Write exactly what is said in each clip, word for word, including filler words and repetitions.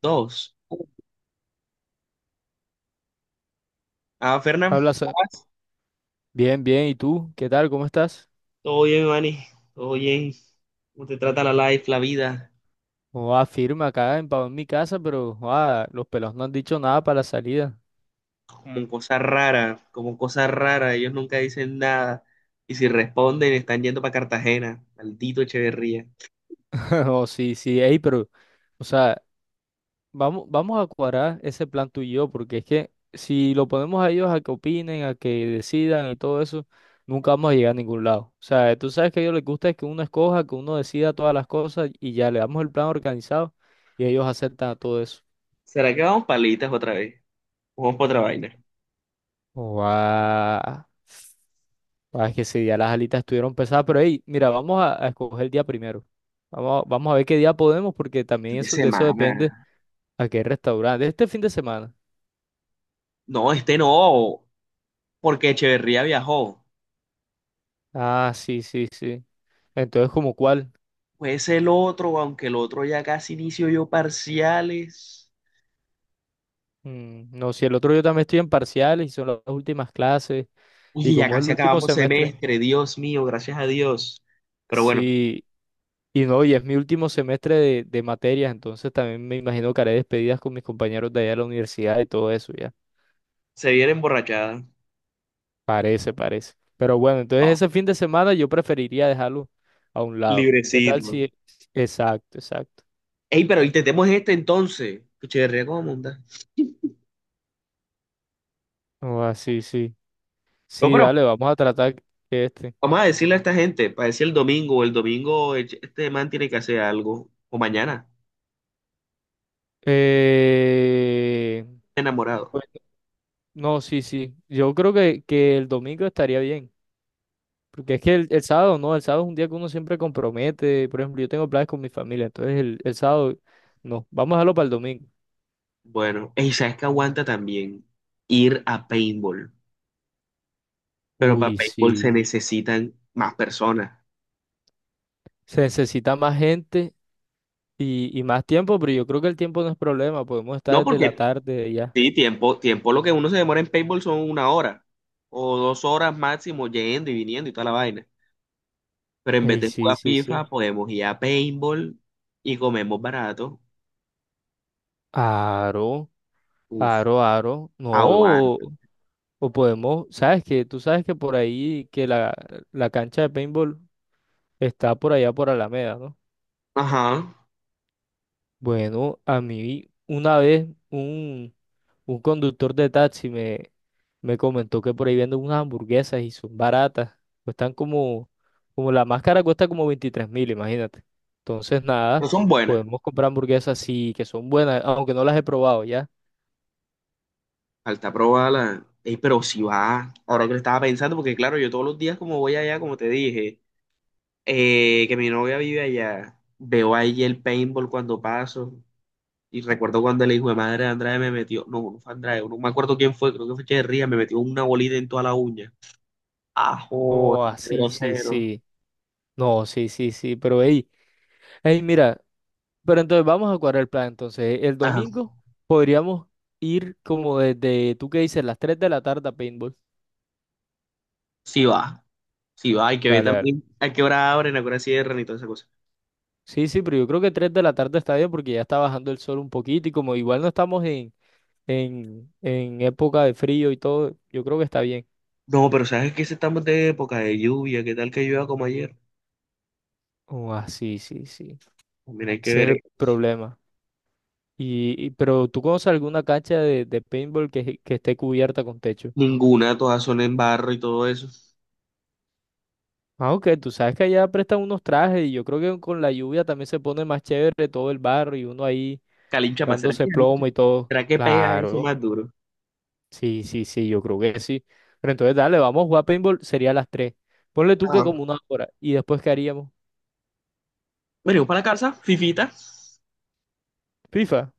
Dos. Ah, Fernán, Habla, ¿cómo Sa- vas? bien, bien. ¿Y tú? ¿Qué tal? ¿Cómo estás? Todo bien, Manny. Todo bien. ¿Cómo te trata la life, la vida? O firma acá en, pa- en mi casa, pero joa, los pelos no han dicho nada para la salida. Como cosa rara, como cosa rara. Ellos nunca dicen nada. Y si responden, están yendo para Cartagena. Maldito Echeverría. O sí, sí, ey, pero, o sea, vamos, vamos a cuadrar ese plan tú y yo, porque es que si lo ponemos a ellos a que opinen, a que decidan y todo eso, nunca vamos a llegar a ningún lado. O sea, tú sabes que a ellos les gusta es que uno escoja, que uno decida todas las cosas y ya le damos el plan organizado y ellos aceptan a todo eso. ¿Será que vamos palitas otra vez? Vamos para otra vaina. Oh, guau. Ah, es que ese día las alitas estuvieron pesadas, pero hey, mira, vamos a, a escoger el día primero. Vamos, a- vamos a ver qué día podemos, porque también Fin de eso, de eso depende semana. a qué restaurante. Este fin de semana. No, este no, porque Echeverría viajó. Ah, sí, sí, sí. Entonces, ¿como cuál? Pues el otro, aunque el otro ya casi inicio yo parciales. Mm, no, si el otro yo también estoy en parciales y son las últimas clases, y Uy, ya como es el casi último acabamos semestre, semestre, Dios mío, gracias a Dios. Pero bueno, sí, y no, y es mi último semestre de, de materias, entonces también me imagino que haré despedidas con mis compañeros de allá de la universidad y todo eso, ya. se viene emborrachada. Parece, parece. Pero bueno, entonces Ah, ese fin de semana yo preferiría dejarlo a un lado. ¿Qué tal librecito. si... Exacto, exacto. Ey, pero intentemos este entonces. Cuchiverría como monta. O así, sí. Sí, No, sí, pero dale, vamos a tratar que este. vamos a decirle a esta gente, para decir el domingo, el domingo el ch- este man tiene que hacer algo. O mañana, Eh, enamorado. pues, no, sí, sí. Yo creo que, que el domingo estaría bien. Porque es que el, el sábado no, el sábado es un día que uno siempre compromete. Por ejemplo, yo tengo planes con mi familia, entonces el, el sábado no. Vamos a dejarlo para el domingo. Bueno, ey, ¿sabes que aguanta también? Ir a paintball. Pero para Uy, paintball se sí. necesitan más personas. Se necesita más gente. Y, y más tiempo, pero yo creo que el tiempo no es problema, podemos No estar desde la porque tarde ya. Sí, tiempo, tiempo lo que uno se demora en paintball son una hora o dos horas máximo yendo y viniendo y toda la vaina. Pero en vez Ey, de sí, jugar sí, sí. FIFA, podemos ir a paintball y comemos barato. Aro, Uf, aro, aro. No, aguanta. o, o podemos, sabes que tú sabes que por ahí, que la, la cancha de paintball está por allá por Alameda, ¿no? Ajá, Bueno, a mí una vez un Un conductor de taxi me, me comentó que por ahí venden unas hamburguesas y son baratas. Cuestan como, como la máscara cuesta como veintitrés mil, imagínate. Entonces, no nada, son buenas. podemos comprar hamburguesas así, que son buenas, aunque no las he probado ya. Falta probarlas. Ey, pero si va, ahora que lo estaba pensando, porque claro, yo todos los días como voy allá, como te dije, eh, que mi novia vive allá, veo ahí el paintball cuando paso. Y recuerdo cuando el hijo de madre de Andrade me metió, no, no fue Andrade, no me acuerdo quién fue, creo que fue Echeverría, me metió una bolita en toda la uña. Ajo, Oh, qué así, sí, sí, grosero. sí. No, sí, sí, sí, pero hey, hey, mira, pero entonces vamos a cuadrar el plan. Entonces, el Ajá. domingo podríamos ir como desde, ¿tú qué dices? Las tres de la tarde a paintball. Sí va, sí va, hay que ver Dale, dale. también a qué hora abren, a qué hora cierran y toda esa cosa. Sí, sí, pero yo creo que tres de la tarde está bien porque ya está bajando el sol un poquito y como igual no estamos en, en, en época de frío y todo, yo creo que está bien. No, pero sabes que estamos de época de lluvia, qué tal que llueva como ayer. Oh, ah, sí, sí, sí. También hay que Ese es ver. eh. el problema. Y, y- pero ¿tú conoces alguna cancha de, de paintball que, que esté cubierta con techo? Ninguna, todas son en barro y todo eso. Ah, ok, tú sabes que allá prestan unos trajes y yo creo que con la lluvia también se pone más chévere todo el barro y uno ahí Calincha más, ¿será que dándose calincha? plomo y todo. ¿Será que pega eso Claro. más duro? Sí, sí, sí, yo creo que sí. Pero entonces, dale, vamos a jugar paintball, sería a las tres. Ponle tú que Ajá. como una hora. ¿Y después qué haríamos? Venimos para la casa, Fifita, FIFA.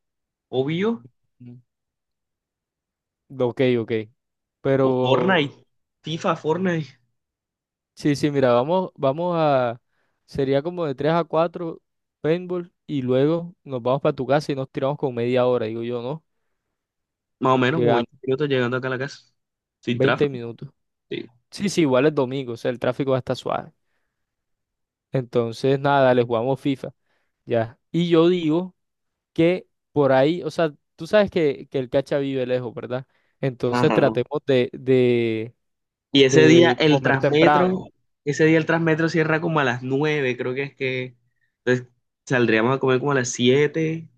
obvio, Mm. Ok, ok. o Pero, Fortnite, FIFA, Fortnite. sí, sí, mira, vamos, vamos a... Sería como de tres a cuatro paintball y luego nos vamos para tu casa y nos tiramos con media hora, digo yo, ¿no? Más o menos como Llegando, veinte minutos llegando acá a la casa. Sin veinte tráfico, minutos. sí. Sí, sí, igual es domingo, o sea, el tráfico va a estar suave. Entonces, nada, dale, jugamos FIFA. Ya. Y yo digo... que por ahí, o sea, tú sabes que, que el cacha vive lejos, ¿verdad? Entonces Ajá. tratemos de, de, Y ese día de el comer temprano. Transmetro, ese día el Transmetro cierra como a las nueve creo que es que. Entonces saldríamos a comer como a las siete.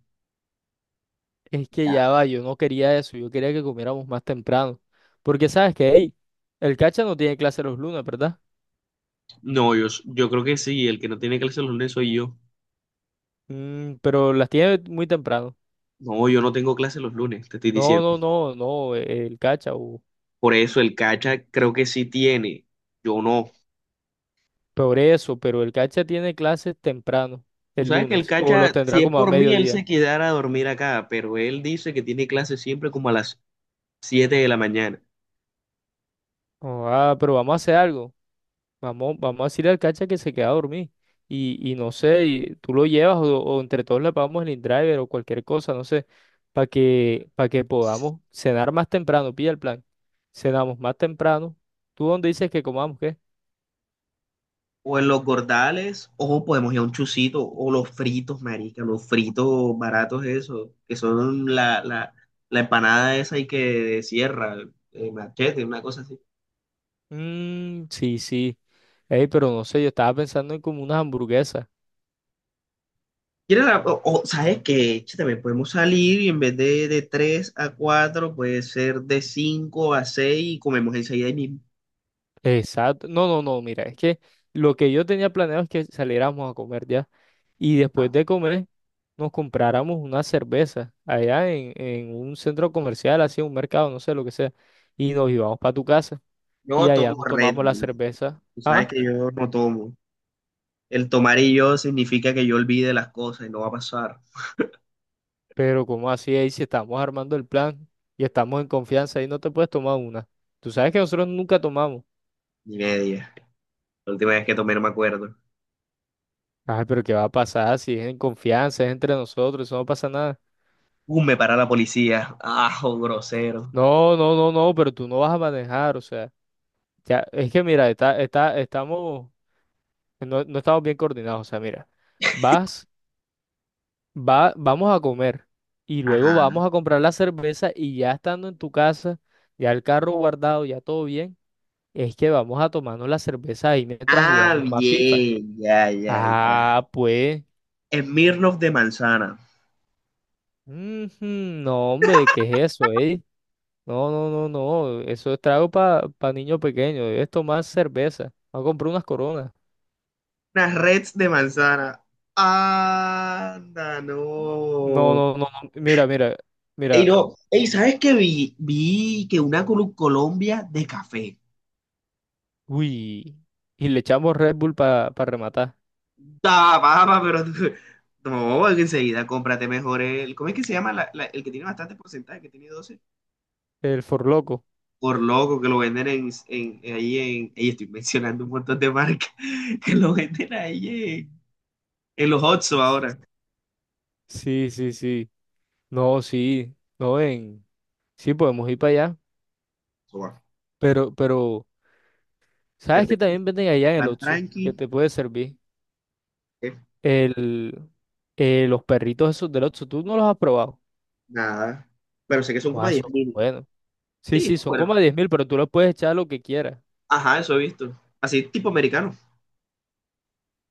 Es que Ya. ya va, yo no quería eso, yo quería que comiéramos más temprano. Porque sabes que, hey, el cacha no tiene clase los lunes, ¿verdad? No, yo, yo creo que sí, el que no tiene clase los lunes soy yo. Mm, pero las tiene muy temprano. No, yo no tengo clase los lunes, te estoy No, diciendo. no, no, no, eh, el cacha, o Por eso el Cacha creo que sí tiene, yo no. peor eso, pero el cacha tiene clases temprano, Tú el sabes que el lunes, o los Cacha, tendrá si es como a por mí, él mediodía. se quedara a dormir acá, pero él dice que tiene clase siempre como a las siete de la mañana. Oh, ah, pero vamos a hacer algo. Vamos, vamos a decirle al cacha que se queda a dormir. Y, y no sé, y tú lo llevas o, o entre todos le pagamos el driver o cualquier cosa, no sé, para que, para que podamos cenar más temprano. Pilla el plan. Cenamos más temprano. ¿Tú dónde dices que comamos qué? O en los gordales, o podemos ir a un chucito, o los fritos, marica, los fritos baratos esos, que son la, la, la empanada esa y que cierra, eh, machete, una cosa así. Mmm, sí, sí. Ey, pero no sé, yo estaba pensando en como unas hamburguesas. ¿Quieres la- o, o, ¿sabes qué? Che, también podemos salir y en vez de, de tres a cuatro puede ser de cinco a seis y comemos enseguida ahí mismo. Exacto. No, no, no, mira, es que lo que yo tenía planeado es que saliéramos a comer ya. Y después de comer nos compráramos una cerveza allá en, en un centro comercial, así un mercado, no sé lo que sea, y nos íbamos para tu casa y Yo allá tomo nos Red tomamos la Bull. cerveza. Tú sabes Ah, que yo no tomo. El tomar y yo significa que yo olvide las cosas y no va a pasar pero ¿cómo así ahí si estamos armando el plan y estamos en confianza ahí no te puedes tomar una? Tú sabes que nosotros nunca tomamos. ni media. La última vez que tomé no me acuerdo. Ay, pero ¿qué va a pasar si es en confianza, es entre nosotros, eso no pasa nada? Uh, me para la policía. Ajo, grosero. No, no, no, no, pero tú no vas a manejar, o sea, ya, es que mira, está, está, estamos, no, no estamos bien coordinados, o sea, mira, vas. va, vamos a comer y luego Ajá. vamos a comprar la cerveza y ya estando en tu casa, ya el carro guardado, ya todo bien, es que vamos a tomarnos la cerveza ahí mientras Ah, jugamos más FIFA. bien, ya, ya, ya. Ah, pues, Smirnoff de manzana. ujú, no, hombre, ¿qué es eso, eh? No, no, no, no, eso es trago para niño pequeño, debes tomar cerveza. Vamos a comprar unas coronas. Unas reds de manzana. Anda, No, no. no, no, no, mira, mira, Ey, mira, no. Ey, ¿sabes qué vi? Vi que una Colu- Colombia de café. uy, y le echamos Red Bull para rematar, Da, papa, pero tú- no, enseguida cómprate mejor el. ¿Cómo es que se llama la- la- el que tiene bastante porcentaje, que tiene doce? el forloco. Por loco que lo venden en, en, ahí en, ahí estoy mencionando un montón de marcas, que lo venden ahí en, en los Oxxo Sí, ahora. sí, sí, sí. No, sí, no en, sí podemos ir para allá, Toma. pero, pero, ¿sabes que Cervecita, también venden allá en el van Oxxo? Que tranqui, te puede servir eh, el, eh, los perritos esos del Oxxo, ¿tú no los has probado? nada. Pero sé que son como Ah, diez son mil. buenos. Sí, Sí, sí, son como bueno. diez mil, pero tú los puedes echar lo que quieras. Ajá, eso he visto. Así tipo americano,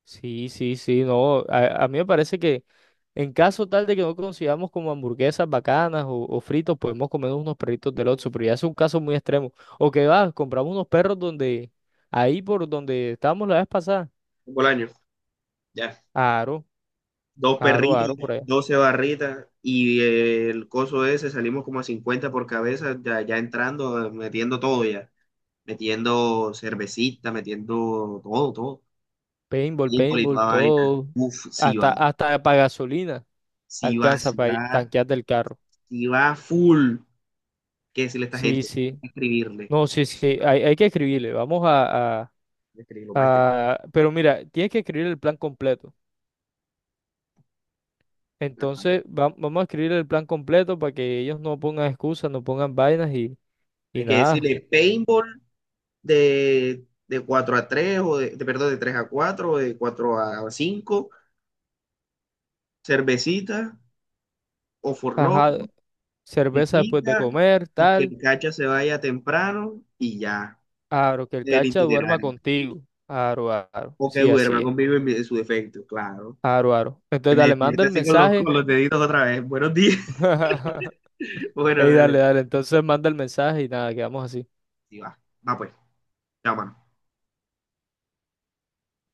Sí, sí, sí, no, a, a mí me parece que en caso tal de que no consigamos como hamburguesas bacanas o, o fritos, podemos comer unos perritos del Oxxo, pero ya es un caso muy extremo. O que va, compramos unos perros donde, ahí por donde estábamos la vez pasada. un bolaño. Ya. Aro, Dos aro, perritas, aro por allá. doce barritas y el coso ese salimos como a cincuenta por cabeza, ya, ya entrando, metiendo todo ya. Metiendo cervecita, metiendo todo, todo. Paintball, Híjole, y paintball, toda vaina. todo. Uf, sí va, Hasta, hasta para gasolina sí va, alcanza sí para va, tanquear del carro. sí va full. ¿Qué decirle a esta Sí, gente? Hay sí. que escribirle, hay No, sí, sí. Hay, hay que escribirle. Vamos a, a- que escribirlo, más escribirlo. a- pero mira, tienes que escribir el plan completo. Ajá. Entonces, va- vamos a escribir el plan completo para que ellos no pongan excusas, no pongan vainas y, Hay y que nada. decirle paintball de, de cuatro a tres o de, de- perdón, de tres a cuatro o de cuatro a cinco, cervecita, o forló, Ajá. Cerveza después de pipita, comer, y que tal. el cacha se vaya temprano y ya, Aro, que el el cacha duerma itinerario. contigo. Aro, aro. O que Sí, duerma así es. conmigo en mi- en su defecto, claro. Aro, aro. Entonces, dale, manda Despierte el así con los, mensaje. con los deditos otra vez. Buenos días. Bueno, Ey, dale. dale, dale. Entonces manda el mensaje y nada, quedamos así. Sí, va. Va pues. Chao, mano.